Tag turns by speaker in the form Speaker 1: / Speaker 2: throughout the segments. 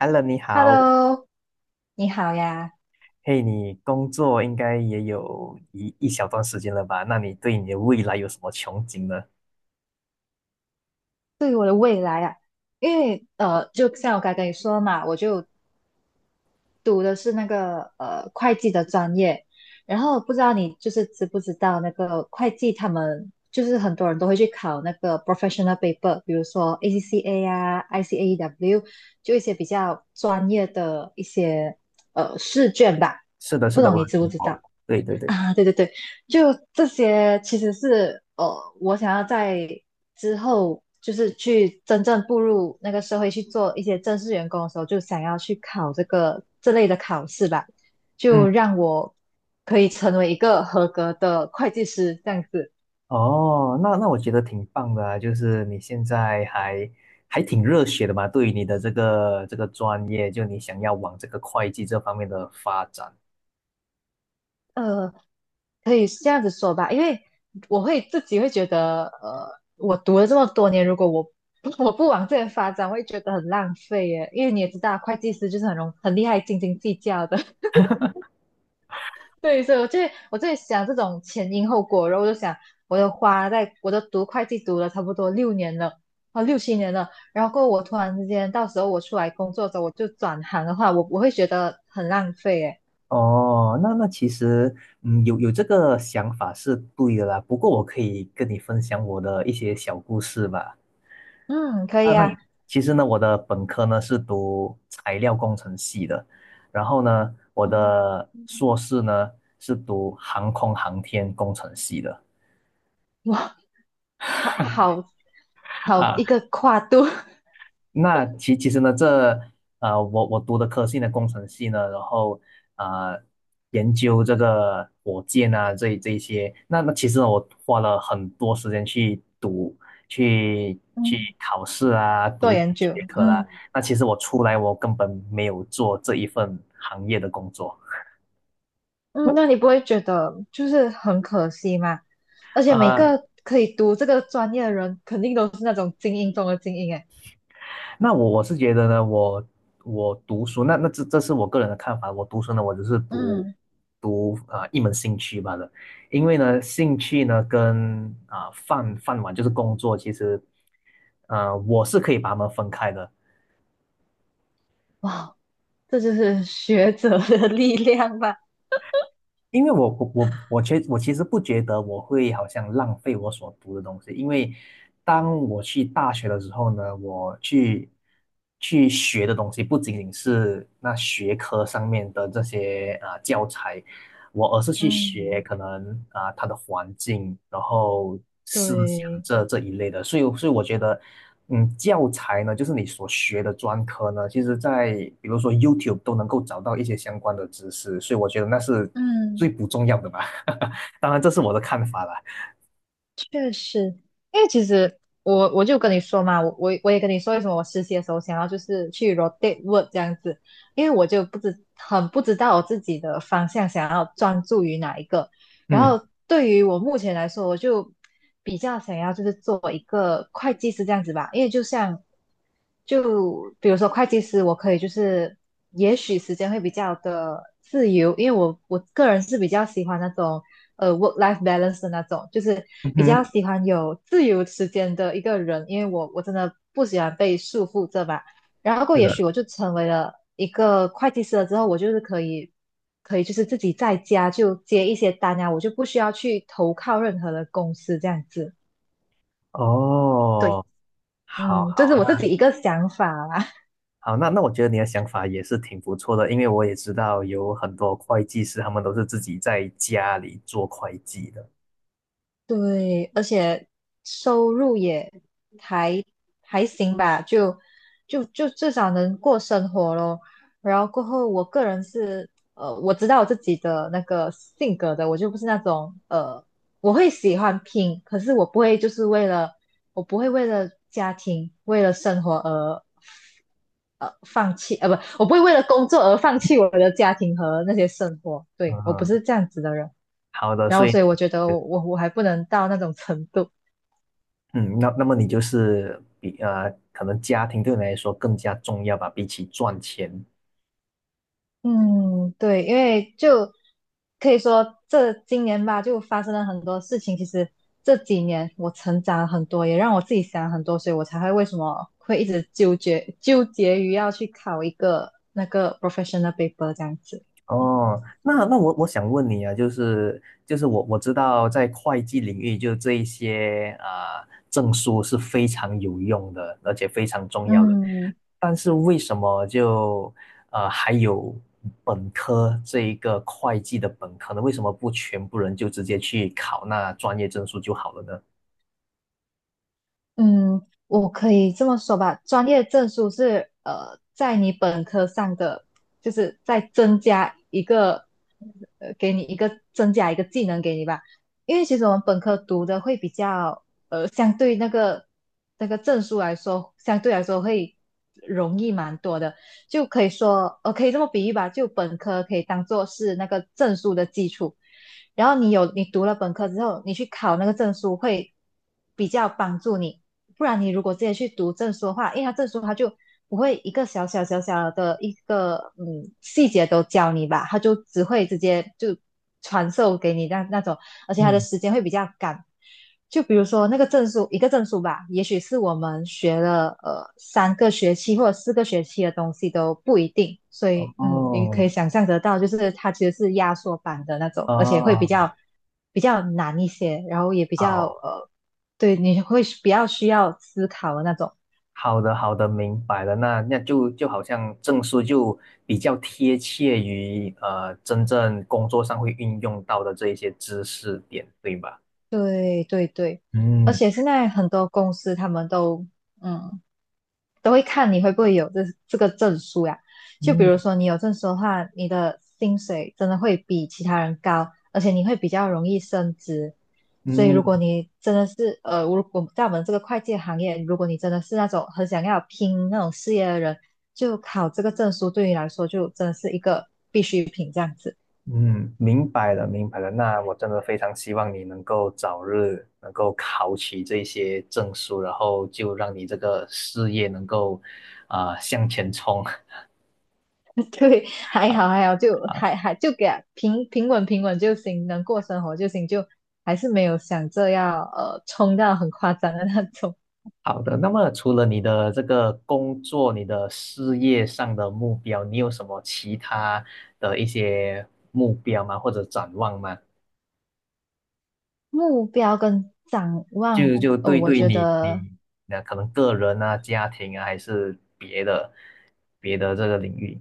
Speaker 1: h e l l o 你好。
Speaker 2: Hello，你好呀。
Speaker 1: 嘿，你工作应该也有一小段时间了吧？那你对你的未来有什么憧憬呢？
Speaker 2: 对于我的未来啊，因为，就像我刚才跟你说的嘛，我就读的是那个会计的专业，然后不知道你就是知不知道那个会计他们就是很多人都会去考那个 professional paper，比如说 ACCA 啊、ICAEW，就一些比较专业的一些试卷吧，
Speaker 1: 是的，是
Speaker 2: 不
Speaker 1: 的，
Speaker 2: 懂
Speaker 1: 我
Speaker 2: 你
Speaker 1: 有
Speaker 2: 知不
Speaker 1: 听
Speaker 2: 知
Speaker 1: 过。
Speaker 2: 道？
Speaker 1: 对对 对。
Speaker 2: 啊，对对对，就这些其实是，我想要在之后就是去真正步入那个社会去做一些正式员工的时候，就想要去考这个这类的考试吧，就
Speaker 1: 嗯。
Speaker 2: 让我可以成为一个合格的会计师这样子。
Speaker 1: 哦，那我觉得挺棒的啊，就是你现在还挺热血的嘛，对于你的这个专业，就你想要往这个会计这方面的发展。
Speaker 2: 呃，可以这样子说吧，因为我自己会觉得，我读了这么多年，如果我 我不往这边发展，我会觉得很浪费耶。因为你也知道，会计师就是很厉害，斤斤计较的。对，所以我就在想这种前因后果，然后我就想，我的花在我都读会计读了差不多六年了，啊六七年了，然后过后我突然之间，到时候我出来工作的时候，我就转行的话，我会觉得很浪费诶。
Speaker 1: 哦，那其实，嗯，有这个想法是对的啦。不过我可以跟你分享我的一些小故事吧。
Speaker 2: 嗯，可
Speaker 1: 啊，
Speaker 2: 以
Speaker 1: 那
Speaker 2: 啊，
Speaker 1: 其实呢，我的本科呢是读材料工程系的，然后呢，我
Speaker 2: 哦
Speaker 1: 的硕士呢是读航空航天工程系的。
Speaker 2: 哇，好好好
Speaker 1: 啊
Speaker 2: 一个跨度
Speaker 1: 那其实呢，这我读的科系呢，工程系呢，然后呃，研究这个火箭啊，这一些，那其实呢我花了很多时间去读，去
Speaker 2: 嗯
Speaker 1: 考试啊，
Speaker 2: 做
Speaker 1: 读
Speaker 2: 研
Speaker 1: 学
Speaker 2: 究，
Speaker 1: 科啦。
Speaker 2: 嗯，
Speaker 1: 那其实我出来，我根本没有做这一份行业的工作。
Speaker 2: 嗯，那你不会觉得就是很可惜吗？而且每
Speaker 1: 呃，
Speaker 2: 个可以读这个专业的人，肯定都是那种精英中的精英诶。
Speaker 1: 那我是觉得呢，我读书，那这是我个人的看法。我读书呢，我只是读
Speaker 2: 嗯
Speaker 1: 读啊、一门兴趣罢了。因为呢，兴趣呢跟啊、饭碗就是工作，其实我是可以把它们分开的。
Speaker 2: 哇，这就是学者的 力量吧？
Speaker 1: 因为我其实不觉得我会好像浪费我所读的东西，因为当我去大学的时候呢，我去学的东西不仅仅是那学科上面的这些啊、呃教材，我而是去学
Speaker 2: 嗯，
Speaker 1: 可能啊、它的环境，然后思想
Speaker 2: 对，
Speaker 1: 这一类的，所以我觉得。嗯，教材呢，就是你所学的专科呢，其实在比如说 YouTube 都能够找到一些相关的知识，所以我觉得那是最
Speaker 2: 嗯。
Speaker 1: 不重要的吧。当然，这是我的看法啦。
Speaker 2: 确实，因为其实我就跟你说嘛，我也跟你说，为什么我实习的时候想要就是去 rotate work 这样子，因为我就不知很不知道我自己的方向想要专注于哪一个。然
Speaker 1: 嗯。
Speaker 2: 后对于我目前来说，我就比较想要就是做一个会计师这样子吧，因为就比如说会计师，我可以就是也许时间会比较的自由，因为我个人是比较喜欢那种。Work life balance 的那种，就是
Speaker 1: 嗯
Speaker 2: 比较
Speaker 1: 哼。
Speaker 2: 喜欢有自由时间的一个人，因为我真的不喜欢被束缚着吧。然后过
Speaker 1: 是
Speaker 2: 也
Speaker 1: 的。
Speaker 2: 许我就成为了一个会计师了之后，我就是可以就是自己在家就接一些单啊，我就不需要去投靠任何的公司这样子。对，
Speaker 1: 哦，好
Speaker 2: 嗯，这是
Speaker 1: 好。
Speaker 2: 我自己
Speaker 1: 那
Speaker 2: 一个想法啦。
Speaker 1: 好，那我觉得你的想法也是挺不错的，因为我也知道有很多会计师，他们都是自己在家里做会计的。
Speaker 2: 对，而且收入也还还行吧，就至少能过生活咯。然后过后，我个人是，我知道我自己的那个性格的，我就不是那种，我会喜欢拼，可是我不会就是为了我不会为了家庭、为了生活而放弃，不，我不会为了工作而放弃我的家庭和那些生活。对，我不
Speaker 1: 嗯，
Speaker 2: 是这样子的人。
Speaker 1: 好的，
Speaker 2: 然
Speaker 1: 所
Speaker 2: 后
Speaker 1: 以。
Speaker 2: 所以我觉得我还不能到那种程度。
Speaker 1: 嗯，那那么你就是比可能家庭对你来说更加重要吧，比起赚钱。
Speaker 2: 嗯，对，因为就可以说这今年吧，就发生了很多事情。其实这几年我成长了很多，也让我自己想了很多，所以我才会为什么会一直纠结于要去考一个那个 professional paper 这样子。
Speaker 1: 哦，那我想问你啊，就是我知道在会计领域，就这一些啊、呃证书是非常有用的，而且非常重要的。
Speaker 2: 嗯。
Speaker 1: 但是为什么就还有本科这一个会计的本科呢？为什么不全部人就直接去考那专业证书就好了呢？
Speaker 2: 嗯，我可以这么说吧，专业证书是，在你本科上的，就是再增加一个，增加一个技能给你吧。因为其实我们本科读的会比较，相对那个证书来说，相对来说会容易蛮多的，就可以说，可以这么比喻吧，就本科可以当做是那个证书的基础。然后你读了本科之后，你去考那个证书会比较帮助你。不然你如果直接去读证书的话，因为他证书他就不会一个小小的一个细节都教你吧，他就只会直接就传授给你那种，而且他的
Speaker 1: 嗯。
Speaker 2: 时间会比较赶。就比如说那个证书，一个证书吧，也许是我们学了三个学期或者四个学期的东西都不一定，所以你
Speaker 1: 哦。
Speaker 2: 可以想象得到，就是它其实是压缩版的那种，而且会比较
Speaker 1: 哦。
Speaker 2: 呃比较难一些，然后也比
Speaker 1: 啊
Speaker 2: 较
Speaker 1: 好。
Speaker 2: 对，你会是比较需要思考的那种。
Speaker 1: 好的，好的，明白了。那就好像证书就比较贴切于呃真正工作上会运用到的这一些知识点，对吧？
Speaker 2: 对对对，而
Speaker 1: 嗯。
Speaker 2: 且现在很多公司他们嗯都会看你会不会有这个证书呀。就比如
Speaker 1: 嗯。
Speaker 2: 说你有证书的话，你的薪水真的会比其他人高，而且你会比较容易升职。所以如
Speaker 1: 嗯。
Speaker 2: 果你真的是，如果在我们这个会计行业，如果你真的是那种很想要拼那种事业的人，就考这个证书对你来说就真的是一个必需品这样子。
Speaker 1: 嗯，明白了，明白了。那我真的非常希望你能够早日能够考取这些证书，然后就让你这个事业能够啊、向前冲。
Speaker 2: 对，还好 还好，就还就给它平稳就行，能过生活就行，就还是没有想着要冲到很夸张的那种
Speaker 1: 好的，那么除了你的这个工作、你的事业上的目标，你有什么其他的一些目标吗？或者展望吗？
Speaker 2: 目标跟展望。
Speaker 1: 就
Speaker 2: 哦，
Speaker 1: 对
Speaker 2: 我
Speaker 1: 对
Speaker 2: 觉
Speaker 1: 你
Speaker 2: 得
Speaker 1: 你那可能个人啊、家庭啊，还是别的这个领域，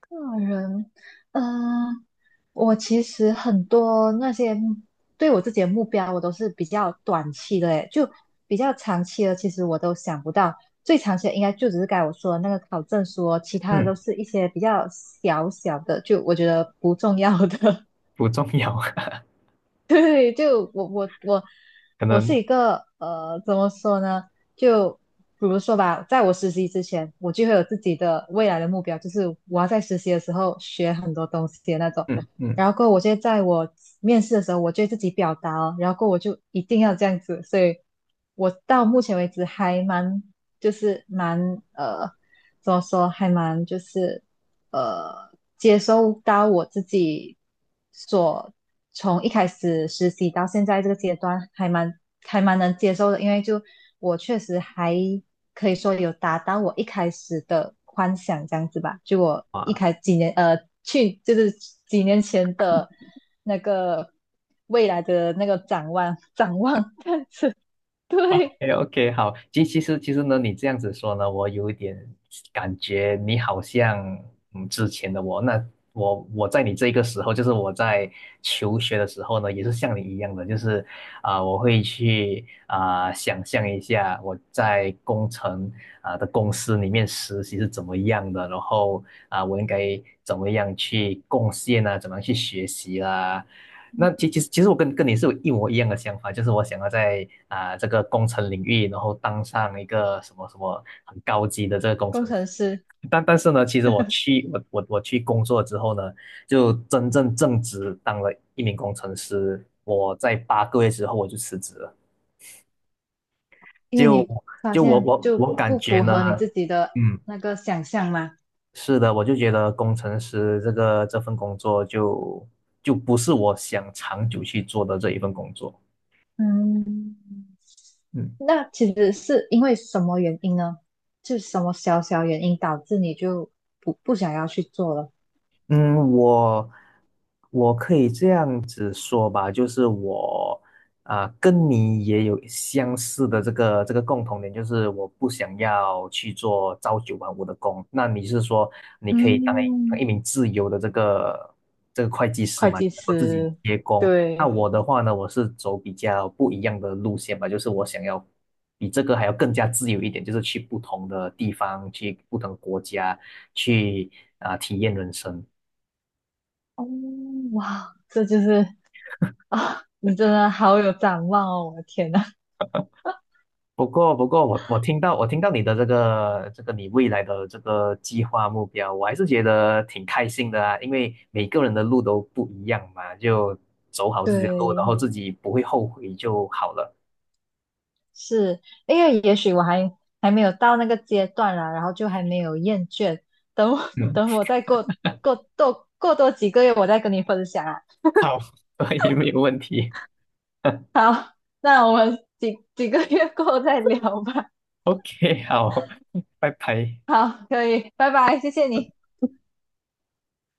Speaker 2: 个人，嗯、我其实很多那些对我自己的目标，我都是比较短期的，诶，就比较长期的，其实我都想不到。最长期的应该就只是该我说的那个考证书哦，其他的
Speaker 1: 嗯。
Speaker 2: 都是一些比较小小的，就我觉得不重要的。
Speaker 1: 不重要。
Speaker 2: 对，就我我我
Speaker 1: 可
Speaker 2: 我是
Speaker 1: 能。
Speaker 2: 一个，怎么说呢？就比如说吧，在我实习之前，我就会有自己的未来的目标，就是我要在实习的时候学很多东西的那种。
Speaker 1: 嗯
Speaker 2: 然
Speaker 1: 嗯。
Speaker 2: 后过后我就在我面试的时候，我就会自己表达哦，然后过后我就一定要这样子。所以，我到目前为止还蛮，就是蛮呃，怎么说，还蛮就是呃，接收到我自己。所从一开始实习到现在这个阶段，还蛮能接受的，因为就我确实还可以说有达到我一开始的幻想这样子吧。就我
Speaker 1: 啊。
Speaker 2: 几年去就是几年前的那个未来的那个展望这样子，对，
Speaker 1: o OK,好，其实呢，你这样子说呢，我有一点感觉你好像嗯之前的我，那我在你这个时候，就是我在求学的时候呢，也是像你一样的，就是啊、我会去啊、想象一下我在工程啊、的公司里面实习是怎么样的，然后啊、我应该怎么样去贡献啊，怎么样去学习啦、那其实我跟你是有一模一样的想法，就是我想要在啊、这个工程领域，然后当上一个什么很高级的这个工
Speaker 2: 工
Speaker 1: 程师。
Speaker 2: 程师，
Speaker 1: 但但是呢，其实我 去我我我去工作之后呢，就真正正职当了一名工程师。我在八个月之后我就辞职了，
Speaker 2: 因为
Speaker 1: 就
Speaker 2: 你发
Speaker 1: 我
Speaker 2: 现
Speaker 1: 我
Speaker 2: 就
Speaker 1: 我感
Speaker 2: 不
Speaker 1: 觉
Speaker 2: 符
Speaker 1: 呢，
Speaker 2: 合你自己的
Speaker 1: 嗯，
Speaker 2: 那个想象嘛，
Speaker 1: 是的，我就觉得工程师这份工作就就不是我想长久去做的这一份工作。
Speaker 2: 嗯。
Speaker 1: 嗯。
Speaker 2: 那其实是因为什么原因呢？是什么小小原因导致你就不想要去做了？
Speaker 1: 嗯，我可以这样子说吧，就是我啊、跟你也有相似的这个共同点，就是我不想要去做朝九晚五的工。那你是说你可以当一当
Speaker 2: 嗯，
Speaker 1: 一名自由的这个会计师
Speaker 2: 会
Speaker 1: 嘛，
Speaker 2: 计
Speaker 1: 能够自己
Speaker 2: 师，
Speaker 1: 接工？那
Speaker 2: 对，
Speaker 1: 我的话呢，我是走比较不一样的路线吧，就是我想要比这个还要更加自由一点，就是去不同的地方，去不同国家，去啊、体验人生。
Speaker 2: 哦，哇，这就是啊，你真的好有展望哦，我的天呐，
Speaker 1: 不过，我听到你的这个你未来的这个计划目标，我还是觉得挺开心的啊，因为每个人的路都不一样嘛，就走好自己的路，然后
Speaker 2: 对，
Speaker 1: 自己不会后悔就好了。
Speaker 2: 是因为也许我还没有到那个阶段啦，然后就还没有厌倦，等我
Speaker 1: 嗯，
Speaker 2: 等我再过多几个月，我再跟你分享啊。
Speaker 1: 好，所以没有问题。
Speaker 2: 好，那我们几个月过后再聊吧。
Speaker 1: OK,好，拜拜。
Speaker 2: 好，可以，拜拜，谢谢你。